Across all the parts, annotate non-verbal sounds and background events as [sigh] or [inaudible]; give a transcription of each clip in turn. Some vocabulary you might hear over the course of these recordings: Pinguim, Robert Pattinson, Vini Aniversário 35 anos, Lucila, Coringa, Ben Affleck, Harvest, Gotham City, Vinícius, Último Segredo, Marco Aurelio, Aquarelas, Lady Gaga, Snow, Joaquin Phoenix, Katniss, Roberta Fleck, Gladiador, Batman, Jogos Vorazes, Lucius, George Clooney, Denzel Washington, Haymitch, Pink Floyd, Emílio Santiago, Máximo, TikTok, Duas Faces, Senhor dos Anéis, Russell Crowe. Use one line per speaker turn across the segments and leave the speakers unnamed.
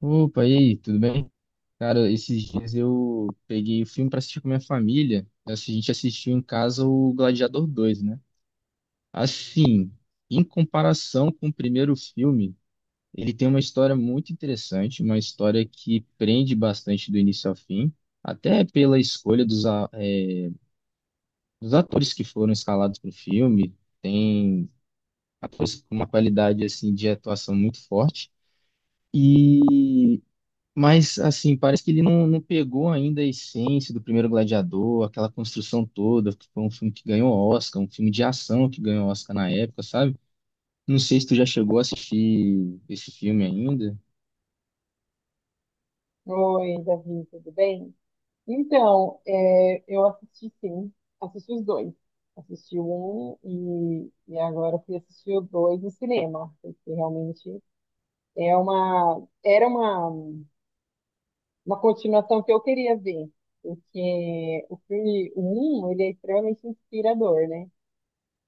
Opa, e aí, tudo bem? Cara, esses dias eu peguei o filme pra assistir com minha família. A gente assistiu em casa o Gladiador dois, né? Assim, em comparação com o primeiro filme, ele tem uma história muito interessante, uma história que prende bastante do início ao fim, até pela escolha dos atores que foram escalados para o filme. Tem atores com uma qualidade assim de atuação muito forte. E Mas, assim, parece que ele não, não pegou ainda a essência do primeiro Gladiador, aquela construção toda, que foi um filme que ganhou Oscar, um filme de ação que ganhou Oscar na época, sabe? Não sei se tu já chegou a assistir esse filme ainda.
Oi, Davi, tudo bem? Então, eu assisti sim, assisti os dois. Assisti um e agora fui assistir o dois no cinema, porque realmente era uma continuação que eu queria ver, porque o filme um, ele é extremamente inspirador, né?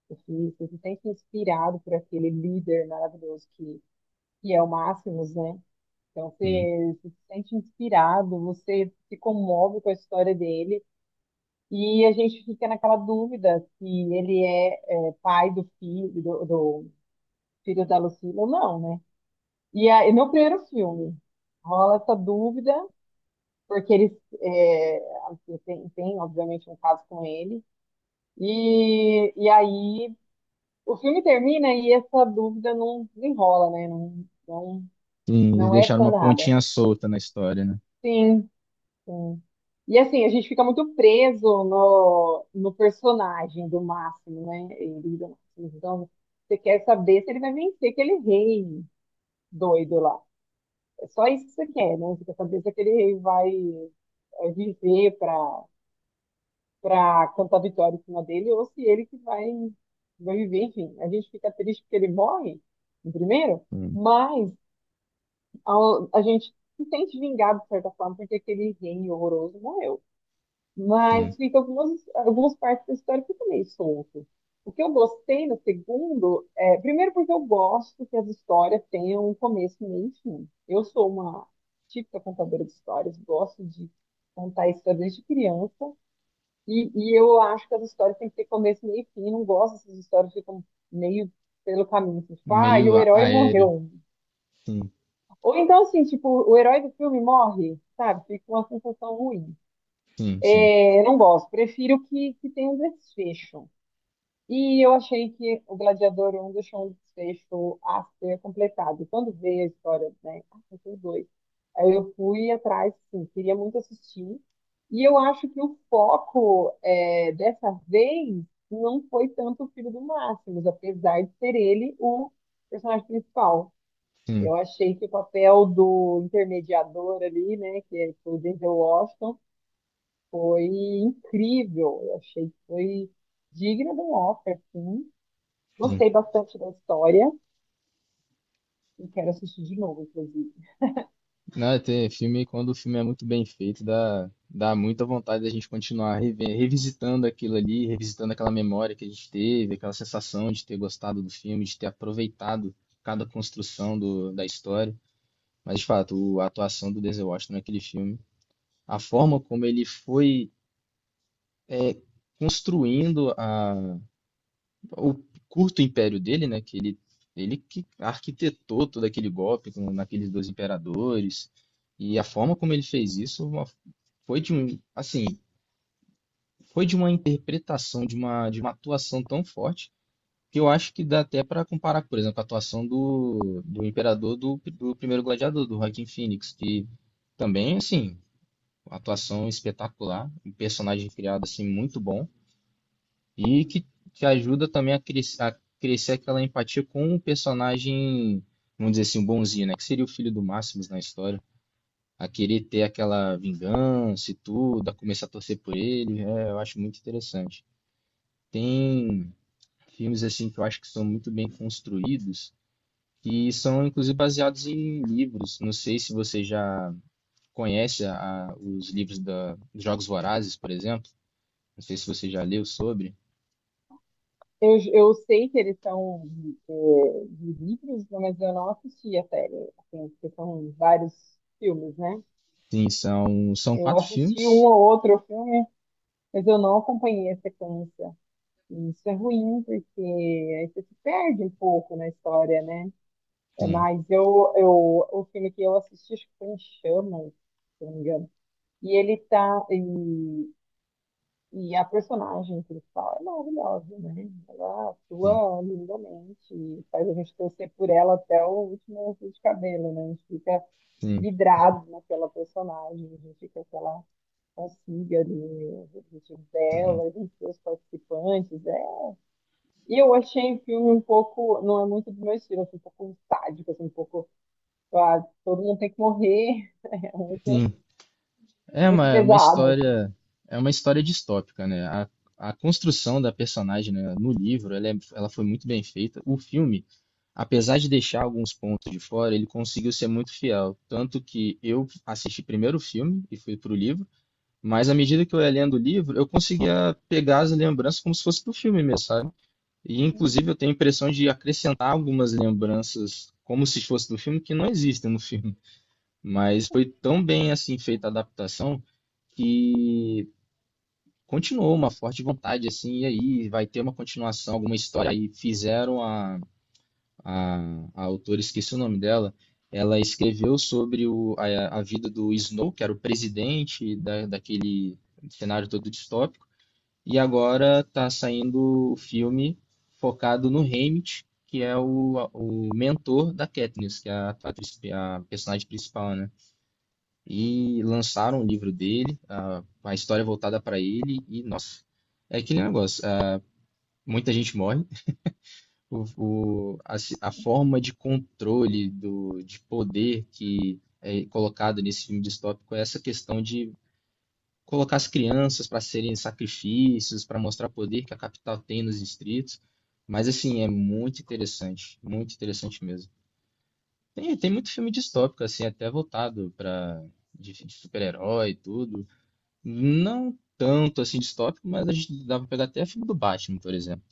Você se sente inspirado por aquele líder maravilhoso que é o Máximos, né? Então
Sim.
você se sente inspirado, você se comove com a história dele e a gente fica naquela dúvida se ele é pai do filho do filho da Lucila ou não, né? E aí, no primeiro filme rola essa dúvida porque eles é, assim, tem obviamente um caso com ele e aí o filme termina e essa dúvida não desenrola, né? Não, não,
Sim, eles
não é
deixaram uma
sanada.
pontinha solta na história, né?
Sim, sim. E assim, a gente fica muito preso no personagem do Máximo, né? Ele do Máximo. Então, você quer saber se ele vai vencer aquele rei doido lá. É só isso que você quer, né? Você quer saber se aquele rei vai viver para cantar vitória em cima dele ou se ele que vai viver. Enfim, a gente fica triste porque ele morre, no primeiro,
Sim,
mas a gente se sente vingado, de certa forma, porque aquele rei horroroso morreu. Mas
sim.
fica algumas partes da história fica meio solto. O que eu gostei no segundo é, primeiro porque eu gosto que as histórias tenham um começo, um meio e fim. Eu sou uma típica contadora de histórias, gosto de contar histórias desde criança, e eu acho que as histórias têm que ter começo, meio e fim. Não gosto dessas histórias que ficam meio pelo caminho, assim, tipo, ah, e
Meio
o herói
aéreo.
morreu.
Sim,
Ou então, assim, tipo, o herói do filme morre, sabe? Fica uma sensação ruim.
sim, sim,
É, eu não gosto, prefiro que tenha um desfecho. E eu achei que o Gladiador 1 deixou um desfecho a ser completado. Quando veio a história, né? Ah, tem dois. Aí eu fui atrás, sim, queria muito assistir. E eu acho que o foco dessa vez não foi tanto o filho do Máximos, apesar de ser ele o personagem principal.
sim,
Eu achei que o papel do intermediador ali, né, que é o Denzel Washington, foi incrível. Eu achei que foi digna de um Oscar, sim.
sim.
Gostei bastante da história e quero assistir de novo, inclusive.
Não, é, tem filme, quando o filme é muito bem feito, dá muita vontade da gente continuar revisitando aquilo ali, revisitando aquela memória que a gente teve, aquela sensação de ter gostado do filme, de ter aproveitado cada construção da história. Mas, de fato, a atuação do Denzel Washington naquele filme, a forma como ele foi é, construindo o curto império dele, né? Que ele que arquitetou todo aquele golpe naqueles dois imperadores. E a forma como ele fez isso assim, foi de uma interpretação, de uma atuação tão forte que eu acho que dá até para comparar, por exemplo, a atuação do imperador do primeiro gladiador, do Joaquin Phoenix, que também, assim, uma atuação espetacular, um personagem criado, assim, muito bom. E que te ajuda também a crescer aquela empatia com o personagem, vamos dizer assim, bonzinho, né? Que seria o filho do Máximos na história. A querer ter aquela vingança e tudo, a começar a torcer por ele. É, eu acho muito interessante. Tem filmes assim que eu acho que são muito bem construídos, que são inclusive baseados em livros. Não sei se você já conhece os livros da dos Jogos Vorazes, por exemplo. Não sei se você já leu sobre.
Eu sei que eles são de livros, né, mas eu não assisti a série, assim, porque são vários filmes, né?
Sim, são
Eu
quatro
assisti um
filmes.
ou outro filme, mas eu não acompanhei a sequência. E isso é ruim, porque aí você se perde um pouco na história, né? É,
Sim,
mas eu o filme que eu assisti, acho que foi em Chamas, se eu não me engano. E ele tá. E a personagem principal é maravilhosa, né? Ela
sim,
atua lindamente, faz a gente torcer por ela até o último fio de cabelo, né? A gente fica
sim,
vidrado naquela personagem, a gente fica com ela consiga ali, os objetivos
sim,
dela, e dos seus participantes. É. E eu achei o filme um pouco, não é muito do meu estilo, assim, um pouco sádico, assim, um pouco, ah, todo mundo tem que morrer, [laughs] é muito,
sim. É uma,
muito
é uma
pesado.
história, é uma história distópica, né? A construção da personagem, né, no livro, ela foi muito bem feita. O filme, apesar de deixar alguns pontos de fora, ele conseguiu ser muito fiel. Tanto que eu assisti primeiro o filme e fui pro livro, mas à medida que eu ia lendo o livro, eu conseguia pegar as lembranças como se fosse do filme mesmo, sabe? E inclusive eu
Assim.
tenho a impressão de acrescentar algumas lembranças como se fosse do filme que não existem no filme. Mas foi tão bem assim feita a adaptação que continuou uma forte vontade assim, e aí vai ter uma continuação, alguma história. Aí fizeram a, a autora, esqueci o nome dela, ela escreveu sobre a vida do Snow, que era o presidente daquele cenário todo distópico, e agora está saindo o filme focado no Haymitch, que é o mentor da Katniss, que é a personagem principal, né? E lançaram o livro dele, ah, uma história voltada para ele, e nossa, é aquele negócio, ah, muita gente morre, a forma de controle, de poder que é colocado nesse filme distópico é essa questão de colocar as crianças para serem sacrifícios, para mostrar o poder que a capital tem nos distritos, mas assim, é muito interessante mesmo. Tem muito filme distópico, assim, até voltado de super-herói e tudo. Não tanto assim distópico, mas a gente dava pra pegar até filme do Batman, por exemplo.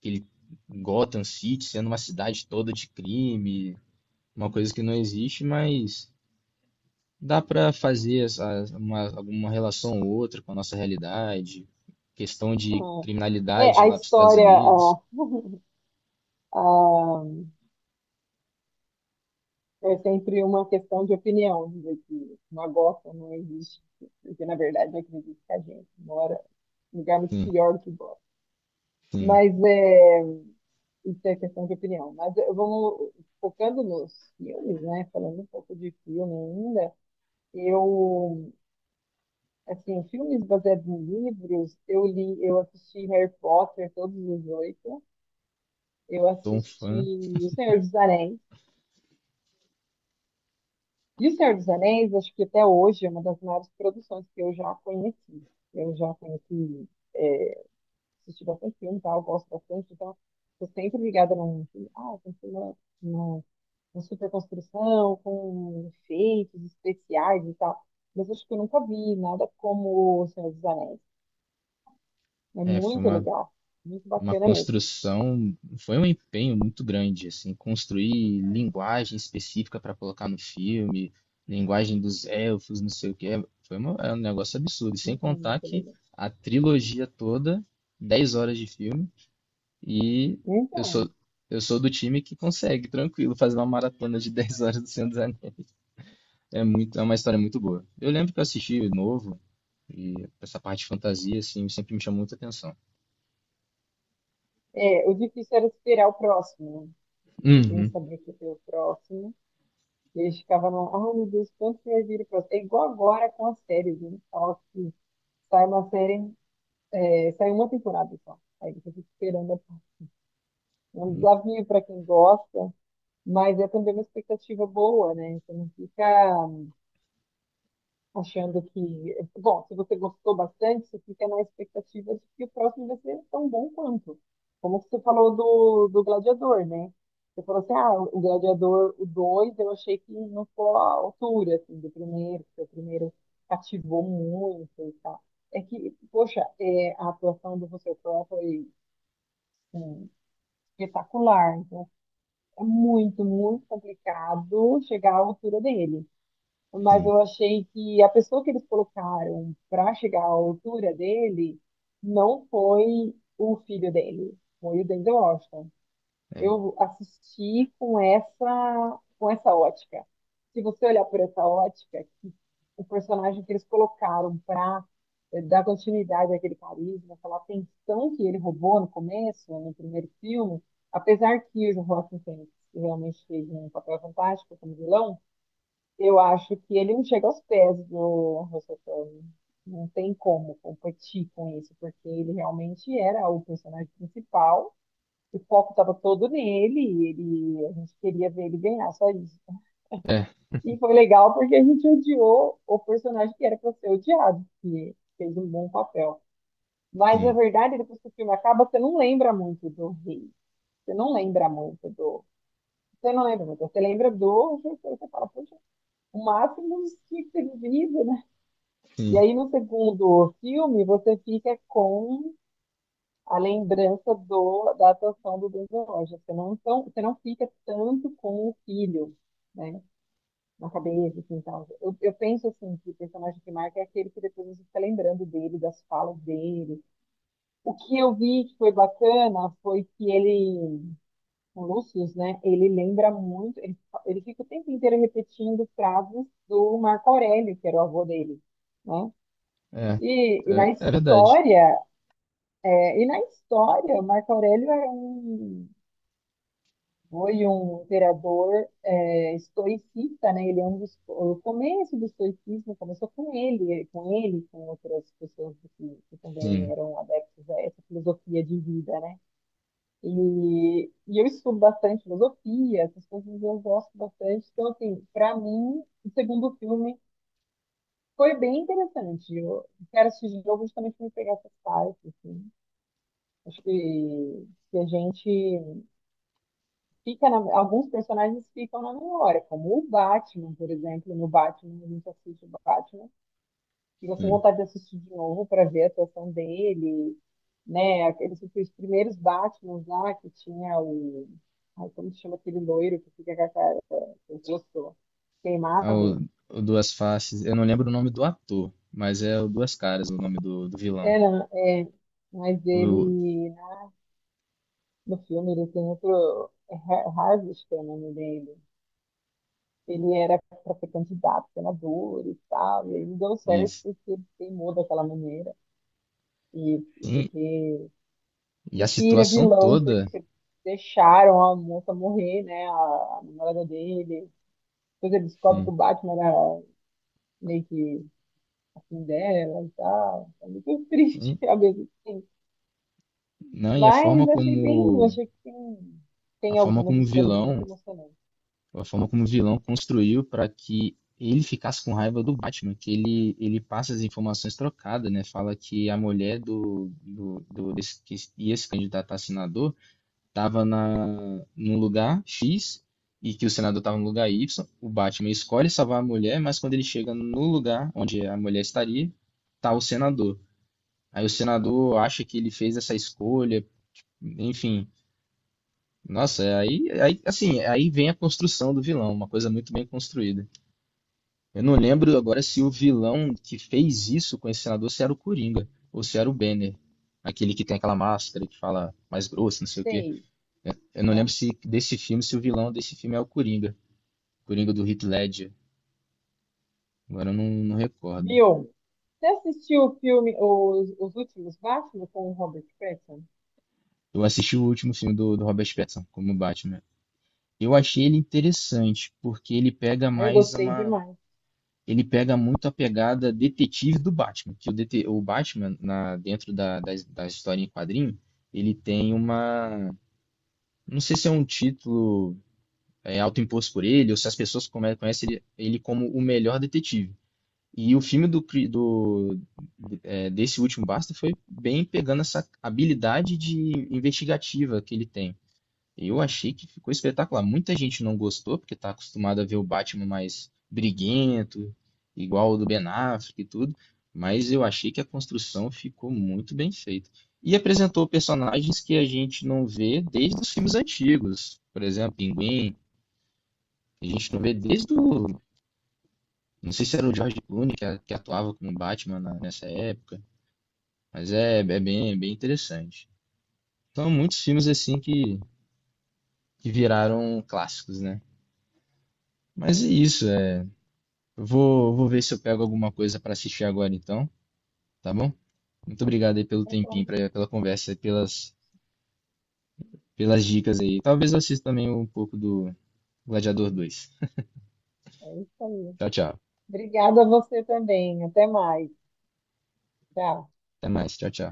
Aquele Gotham City sendo uma cidade toda de crime, uma coisa que não existe, mas dá pra fazer alguma relação ou outra com a nossa realidade. Questão de
Hum. É,
criminalidade
a
lá dos Estados
história,
Unidos.
ah, [laughs] ah, é sempre uma questão de opinião, dizer que uma Gotham não existe, porque na verdade eu acredito que a gente mora em um lugar muito
Sim,
pior que Gotham.
sim,
Mas isso é questão de opinião. Mas vamos focando nos filmes, né? Falando um pouco de filme ainda, eu assim, filmes baseados em livros, eu li, eu assisti Harry Potter, todos os oito. Eu
sou um
assisti
fã.
O Senhor dos Anéis. E O Senhor dos Anéis, acho que até hoje é uma das maiores produções que eu já conheci. Eu já conheci, é, assisti bastante filme e tal, gosto bastante, então estou sempre ligada num filme. Ah, tem filme uma super construção, com efeitos especiais e tal. Mas acho que eu nunca vi nada como O Senhor dos Anéis. É
É, foi
muito
uma
legal, muito
uma
bacana mesmo.
construção, foi um empenho muito grande, assim, construir linguagem específica para colocar no filme, linguagem dos elfos, não sei o quê, foi é um negócio absurdo. E sem contar
Muito
que
legal.
a trilogia toda, 10 horas de filme, e eu
Então,
sou, eu sou do time que consegue, tranquilo, fazer uma maratona de 10 horas do Senhor dos Anéis. É uma história muito boa. Eu lembro que eu assisti novo, e essa parte de fantasia, assim, sempre me chamou muita atenção.
o difícil era esperar o próximo, né? Eu tenho que
Uhum.
saber que tem o próximo. E eles ficavam lá, ai meu Deus, quanto que vai vir o próximo? É igual agora com as séries, né? Fala que sai uma série, sai uma temporada só. Aí você fica esperando um desafio para quem gosta, mas é também uma expectativa boa, né? Você não fica achando que, bom, se você gostou bastante, você fica na expectativa de que o próximo vai ser tão bom quanto. Como você falou do Gladiador, né? Você falou assim, ah, o Gladiador, o 2 eu achei que não ficou à altura, assim, do primeiro, porque o primeiro cativou muito e tal. É que, poxa, a atuação do Russell Crowe foi espetacular, então é muito, muito complicado chegar à altura dele, mas
Sim,
eu achei que a pessoa que eles colocaram para chegar à altura dele não foi o filho dele, foi o Denzel Washington.
é.
Eu assisti com essa ótica. Se você olhar por essa ótica, que o personagem que eles colocaram para dar continuidade àquele carisma, aquela atenção que ele roubou no começo, no primeiro filme, apesar que o Joaquin Phoenix realmente fez um papel fantástico como vilão, eu acho que ele não chega aos pés do Russell Crowe. Não tem como competir com isso, porque ele realmente era o personagem principal. O foco estava todo nele, e ele, a gente queria ver ele ganhar, só isso.
É,
E foi legal porque a gente odiou o personagem que era para ser odiado, que fez um bom papel. Mas, na
sim.
verdade, depois que o filme acaba, você não lembra muito do rei. Você não lembra muito do. Você não lembra muito. Você lembra do. Você fala, poxa, o máximo tinha que ter vivido, né?
Sim,
E aí, no segundo filme, você fica com a lembrança do, da atuação do Denzel Washington. Você não, tão, você não fica tanto com o filho, né? Na cabeça, assim, tal. Eu penso, assim, que o personagem que marca é aquele que depois você fica lembrando dele, das falas dele. O que eu vi que foi bacana foi que ele, o Lucius, né? Ele lembra muito, ele fica o tempo inteiro repetindo frases do Marco Aurélio, que era o avô dele, né?
é,
E na
é verdade.
história, Marco Aurélio era foi um imperador estoicista, né? Ele é um dos, O começo do estoicismo começou com ele, com outras pessoas que
Sim,
também eram adeptos a essa filosofia de vida, né? E eu estudo bastante filosofia, essas coisas eu gosto bastante. Então, assim, para mim, o segundo filme foi bem interessante. Eu quero assistir de novo justamente para me pegar essas partes, assim. Acho que a gente alguns personagens ficam na memória, como o Batman, por exemplo. No Batman, a gente assiste o Batman, fica com
sim.
vontade de assistir de novo para ver a atuação dele, né? Aqueles os primeiros Batmans lá que tinha o. Ai, como se chama aquele loiro que fica com a cara, o rosto
Ah, o,
queimado?
o Duas Faces, eu não lembro o nome do ator, mas é o Duas Caras o nome do vilão.
Era, mas
O,
ele, no filme, ele tem outro. É Harvest, que é o nome dele. Ele era para ser candidato, senador e tal, e aí não deu certo
isso.
porque ele teimou daquela maneira. E, e
Sim,
porque.
e a
Enfim, ele é
situação
vilão,
toda,
porque deixaram a moça morrer, né? A namorada dele. Depois ele descobre que o
sim,
Batman era meio que assim dela e tal. É muito triste,
sim.
[laughs] ao mesmo tempo.
Não, e
Mas achei bem, achei que tem,
a
tem
forma
algumas
como o
histórias muito
vilão,
emocionantes.
a forma como o vilão construiu para que ele ficasse com raiva do Batman, que ele passa as informações trocadas, né? Fala que a mulher do desse, que ia se candidatar a senador estava num lugar X e que o senador estava no lugar Y. O Batman escolhe salvar a mulher, mas quando ele chega no lugar onde a mulher estaria, tá o senador. Aí o senador acha que ele fez essa escolha, enfim. Nossa, é aí vem a construção do vilão, uma coisa muito bem construída. Eu não lembro agora se o vilão que fez isso com esse senador se era o Coringa ou se era o Banner, aquele que tem aquela máscara que fala mais grosso, não sei o quê.
Sei.
Eu não lembro se desse filme, se o vilão desse filme é o Coringa. Coringa do Heath Ledger. Agora eu não, não recordo.
Viu? Você assistiu o filme, os últimos Batman com o Robert Pattinson?
Eu assisti o último filme do Robert Pattinson como Batman. Eu achei ele interessante, porque ele pega
Ah, eu
mais
gostei
uma.
demais.
Ele pega muito a pegada detetive do Batman. Que o Batman, dentro da história em quadrinho, ele tem uma. Não sei se é um título autoimposto por ele, ou se as pessoas conhecem ele como o melhor detetive. E o filme do, pri- do- é, desse último Basta foi bem pegando essa habilidade de investigativa que ele tem. Eu achei que ficou espetacular. Muita gente não gostou, porque está acostumado a ver o Batman mais briguento, igual o do Ben Affleck e tudo, mas eu achei que a construção ficou muito bem feita. E apresentou personagens que a gente não vê desde os filmes antigos. Por exemplo, Pinguim, que a gente não vê desde o não sei se era o George Clooney que atuava como Batman nessa época, mas é bem interessante. São muitos filmes assim que viraram clássicos, né? Mas é
Sim.
isso, é. Eu vou ver se eu pego alguma coisa para assistir agora então, tá bom? Muito obrigado aí pelo
Tá
tempinho,
bom.
pela conversa, e pelas dicas aí. Talvez eu assista também um pouco do Gladiador 2.
É isso aí.
Tchau, tchau.
Obrigada a você também. Até mais. Tchau.
Até mais. Tchau, tchau.